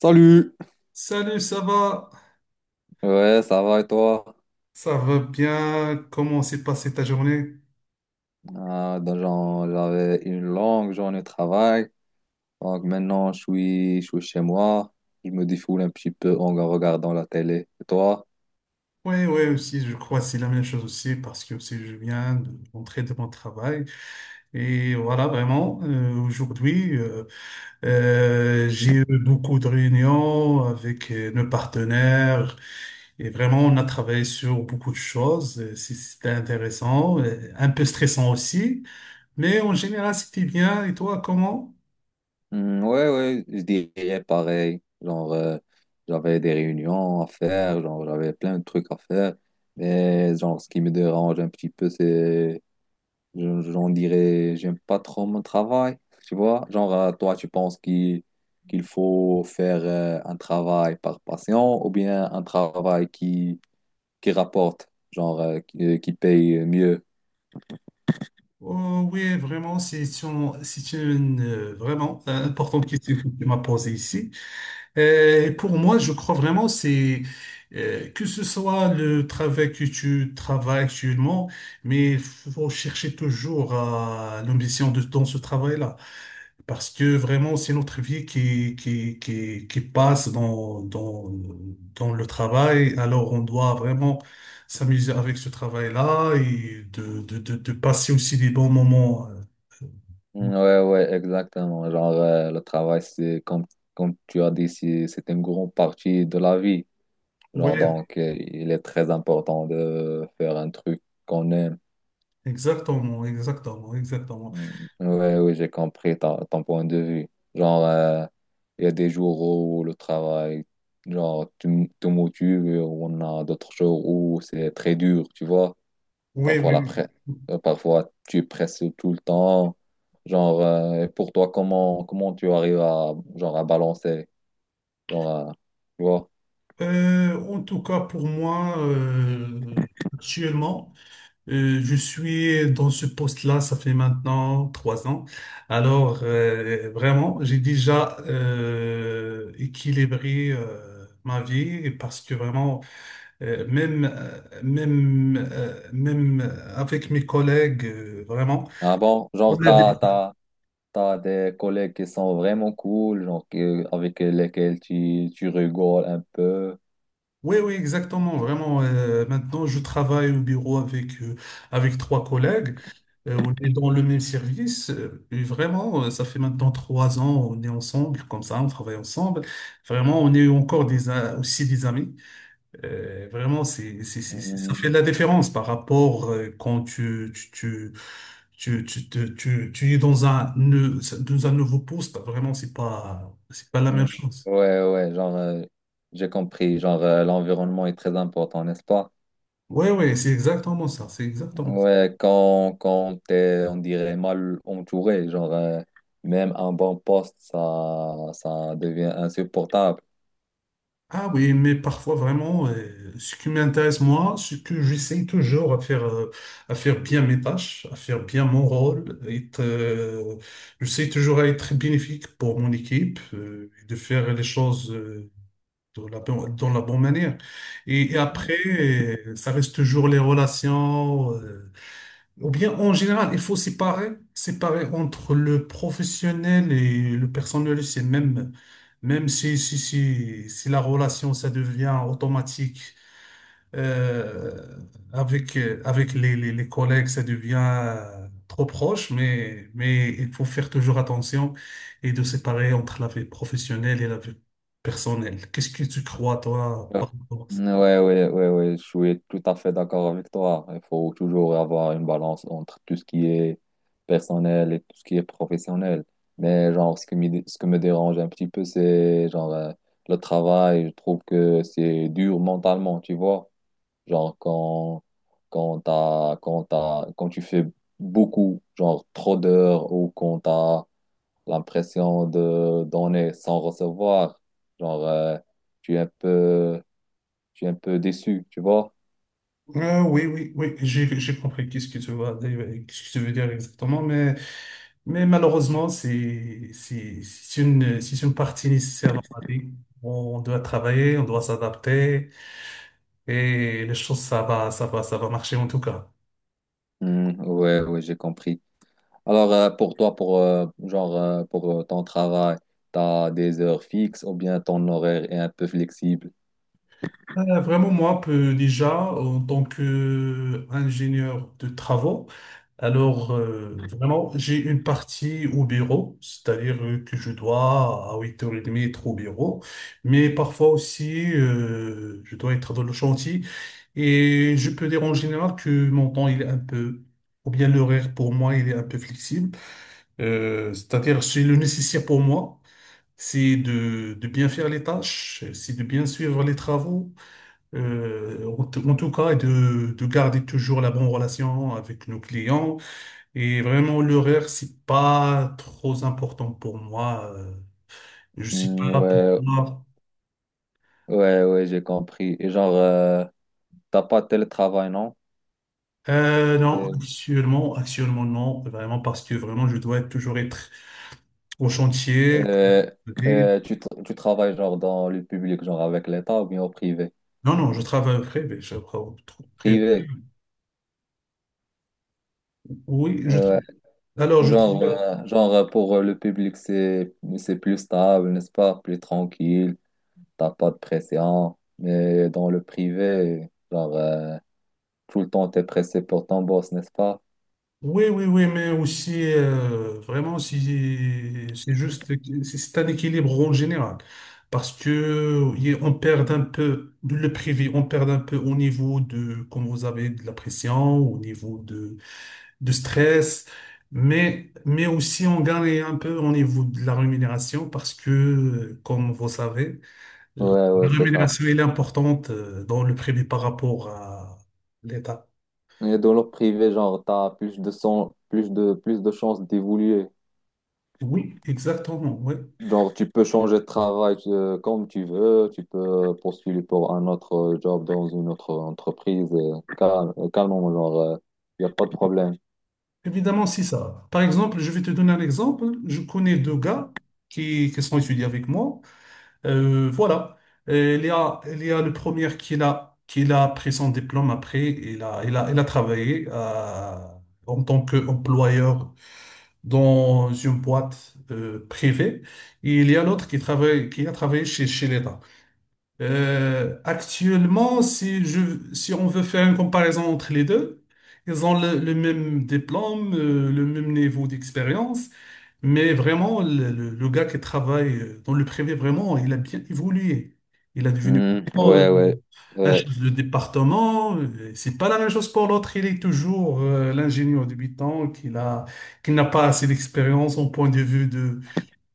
Salut! Salut, ça va? Ouais, ça va et toi? Ça va bien? Comment s'est passée ta journée? J'avais une longue journée de travail. Donc maintenant, je suis chez moi. Je me défoule un petit peu en regardant la télé. Et toi? Oui, oui, aussi, je crois que c'est la même chose aussi, parce que aussi, je viens de rentrer de mon travail. Et voilà, vraiment, aujourd'hui, j'ai eu beaucoup de réunions avec nos partenaires. Et vraiment, on a travaillé sur beaucoup de choses. C'était intéressant, un peu stressant aussi. Mais en général, c'était bien. Et toi, comment? Hmm, ouais, ouais, je dirais pareil. J'avais des réunions à faire. Genre, j'avais plein de trucs à faire. Mais genre, ce qui me dérange un petit peu, c'est J'en dirais, j'aime pas trop mon travail, tu vois. Genre, toi, tu penses qu'il faut faire un travail par passion ou bien un travail qui rapporte, qui paye mieux. Oui, vraiment, c'est une vraiment importante question que tu m'as posée ici. Et pour moi, je crois vraiment c'est que ce soit le travail que tu travailles actuellement, mais il faut chercher toujours à l'ambition de, dans ce travail-là. Parce que vraiment, c'est notre vie qui passe dans le travail. Alors, on doit vraiment s'amuser avec ce travail-là et de passer aussi des bons moments. Ouais, ouais, exactement. Le travail, c'est comme, comme tu as dit, c'est une grande partie de la vie. Oui, Il est très important de faire un truc qu'on aime. exactement, exactement, exactement. Mm. Ouais, oui, j'ai compris ton point de vue. Genre, euh, il y a des jours où le travail, genre, te motive, et on a d'autres jours où c'est très dur, tu vois. Oui, Parfois, oui, la oui. pre- Parfois, tu presses tout le temps. Et pour toi, comment tu arrives à, genre, à balancer? Genre, à- Tu vois. En tout cas, pour moi, actuellement, je suis dans ce poste-là, ça fait maintenant trois ans. Alors, vraiment, j'ai déjà équilibré ma vie parce que vraiment, même avec mes collègues, Ah bon, genre, t'as des collègues qui sont vraiment cool, avec lesquels tu rigoles un peu. oui, oui, exactement. Vraiment, maintenant, je travaille au bureau avec, avec trois collègues. On est dans le même service, et vraiment, ça fait maintenant trois ans, on est ensemble, comme ça, on travaille ensemble. Vraiment, on est encore des, aussi des amis. Vraiment, c'est- Ça fait de la différence par rapport quand tu es dans un, dans un nouveau poste. Vraiment, c'est pas la Mm. même chose. Ouais, ouais, j'ai compris, l'environnement est très important, n'est-ce pas? Oui, oui, c'est exactement ça. C'est exactement. Ouais, quand t'es, on dirait, mal entouré, même un bon poste, ça devient insupportable. Ah oui, mais parfois vraiment, ce qui m'intéresse moi, c'est que j'essaie toujours à faire bien mes tâches, à faire bien mon rôle, être, j'essaie toujours à être bénéfique pour mon équipe, et de faire les choses, dans la bonne manière. Et après, ça reste toujours les relations, ou bien en général, il faut séparer entre le professionnel et le personnel. C'est même, si la relation, ça devient automatique euh, avec, avec les collègues, ça devient trop proche, mais il faut faire toujours attention et de séparer entre la vie professionnelle et la vie personnelle. Qu'est-ce que tu crois, toi, par rapport à ça? Ouais, ouais, je suis tout à fait d'accord avec toi. Il faut toujours avoir une balance entre tout ce qui est personnel et tout ce qui est professionnel. Mais genre, ce qui me, ce que me dérange un petit peu, c'est le travail. Je trouve que c'est dur mentalement, tu vois. Genre, quand, quand tu fais beaucoup, genre trop d'heures ou quand t'as l'impression de donner sans recevoir, genre, euh, tu es un peu je suis un peu déçu, tu vois. Oui, oui, oui, j'ai compris qu'est-ce que tu veux, qu'est-ce que tu veux dire exactement, mais malheureusement, c'est une partie nécessaire dans la vie. On doit travailler, on doit s'adapter, et les choses, ça va marcher en tout cas. Hmm, ouais, ouais, j'ai compris. Alors, pour toi, pour, genre, pour ton travail, t'as des heures fixes ou bien ton horaire est un peu flexible? Vraiment, moi, un peu déjà, en tant qu'ingénieur de travaux, alors vraiment, j'ai une partie au bureau, c'est-à-dire que je dois à 8h30 être au bureau, mais parfois aussi, je dois être dans le chantier et je peux dire en général que mon temps, il est un peu, ou bien l'horaire pour moi, il est un peu flexible. C'est-à-dire c'est le nécessaire pour moi. C'est de bien faire les tâches, c'est de bien suivre les travaux, en tout cas, et de garder toujours la bonne relation avec nos clients. Et vraiment, l'horaire, c'est pas trop important pour moi. Je suis pas Hmm, là pour ouais, moi. ouais, ouais, j'ai compris. Et t'as pas de télétravail, non? Non, Euh, actuellement, non. Vraiment, parce que vraiment, toujours être au chantier. euh, Et Tu travailles genre dans le public, genre avec l'État ou bien au privé? non, non, je travaille au privé. Je travaille au privé. Privé. Oui, je, tra- Ouais. alors, je Genre, travaille. Genre pour le public, c'est plus stable, n'est-ce pas? Plus tranquille. T'as pas de pression. Mais dans le privé, tout le temps, t'es pressé pour ton boss, n'est-ce pas? Oui, oui, oui, mais aussi, vraiment, si, c'est juste, c'est un équilibre en général. Parce que on perd un peu de le privé, on perd un peu au niveau de, comme vous avez, de la pression, au niveau de stress, mais aussi on gagne un peu au niveau de la rémunération parce que, comme vous savez, la Ouais, ouais, c'est ça. rémunération, elle est importante dans le privé par rapport à l'État. Et dans le privé, genre, t'as plus de son- plus de chances d'évoluer. Oui, exactement, oui. Donc, tu peux changer de travail comme tu veux, tu peux postuler pour un autre job dans une autre entreprise, calmement, genre, il n'y a pas de problème. Évidemment, c'est ça. Par exemple, je vais te donner un exemple. Je connais deux gars qui sont étudiés avec moi. Voilà. Il y a le premier qui l'a pris son diplôme après. Il a travaillé en tant qu'employeur dans une boîte privée. Et il y a l'autre qui travaille, qui a travaillé chez l'État. Actuellement, si on veut faire une comparaison entre les deux, ils ont le même diplôme, le même niveau d'expérience, mais vraiment, le gars qui travaille dans le privé, vraiment, il a bien évolué. Il a devenu Hmm, euh, un ouais, chef de département. C'est pas la même chose pour l'autre. Il est toujours l'ingénieur débutant qui n'a pas assez d'expérience au point de vue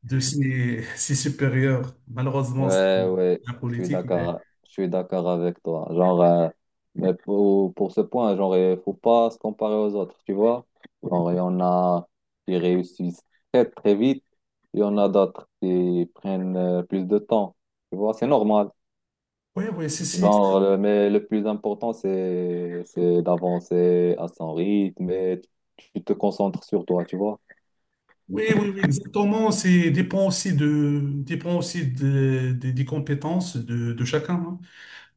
de ses, ses supérieurs. Malheureusement, c'est ouais, la politique. Je suis d'accord avec toi. Mais pour ce point, genre, il faut pas se comparer aux autres, tu vois? Genre, il y en a qui réussissent très, très vite, il y en a d'autres qui prennent plus de temps, tu vois? C'est normal. Oui, oui, c'est, c'est- Mais le plus important, c'est d'avancer à son rythme et tu te concentres sur toi, tu vois. oui, oui, oui, exactement. C'est dépend aussi de, des compétences de chacun, hein.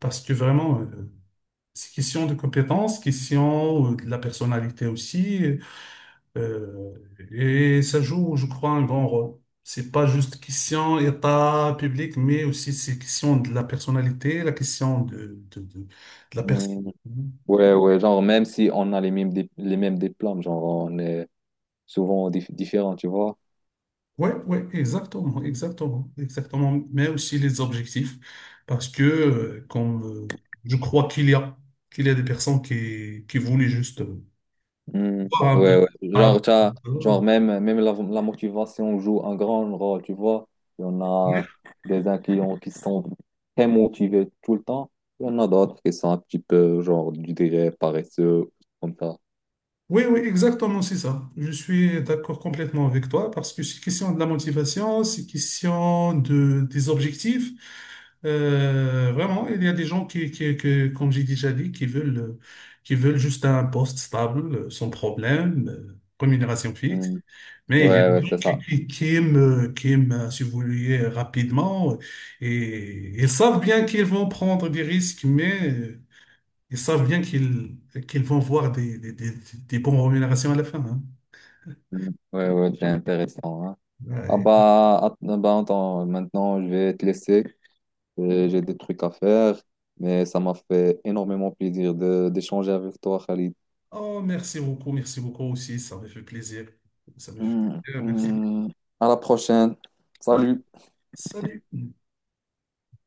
Parce que vraiment, c'est question de compétences, question de la personnalité aussi. euh, et ça joue, je crois, un grand rôle. C'est pas juste question état public, mais aussi c'est question de la personnalité, la question de la personne. Mm. Ouais, ouais, genre, même si on a les mêmes diplômes, genre, on est différents, tu vois. Ouais, ouais, exactement, exactement, exactement. Mais aussi les objectifs, parce que comme je crois qu'il y a des personnes qui voulaient juste Mm. voir un peu. Ouais, ouais, Ah, euh, genre même, même la motivation joue un grand rôle, tu vois. Il y en a des uns qui sont très motivés tout le temps, il y en a d'autres qui sont un petit peu, genre, je dirais, paresseux, comme ça. Oui, oui, exactement, c'est ça. Je suis d'accord complètement avec toi parce que c'est question de la motivation, c'est question de, des objectifs. Vraiment, il y a des gens que, comme j'ai déjà dit, qui veulent juste un poste stable, sans problème, rémunération fixe. Mm. Mais il y a des Ouais, ouais, gens c'est ça. Qui aiment, si vous voulez, rapidement et ils savent bien qu'ils vont prendre des risques, mais ils savent bien qu'ils vont voir des bonnes rémunérations à la fin, hein. Mm. Ouais, ouais, c'est intéressant. Hein. Ah Ouais. bah, att- euh, bah, attends, maintenant, je vais te laisser. J'ai des trucs à faire, mais ça m'a fait énormément plaisir de d'échanger avec toi, Khalid. Oh, merci beaucoup aussi. Ça me fait plaisir. Ça me fait Mm. plaisir. Merci beaucoup. Mm. À la prochaine. Ah, Salut. salut.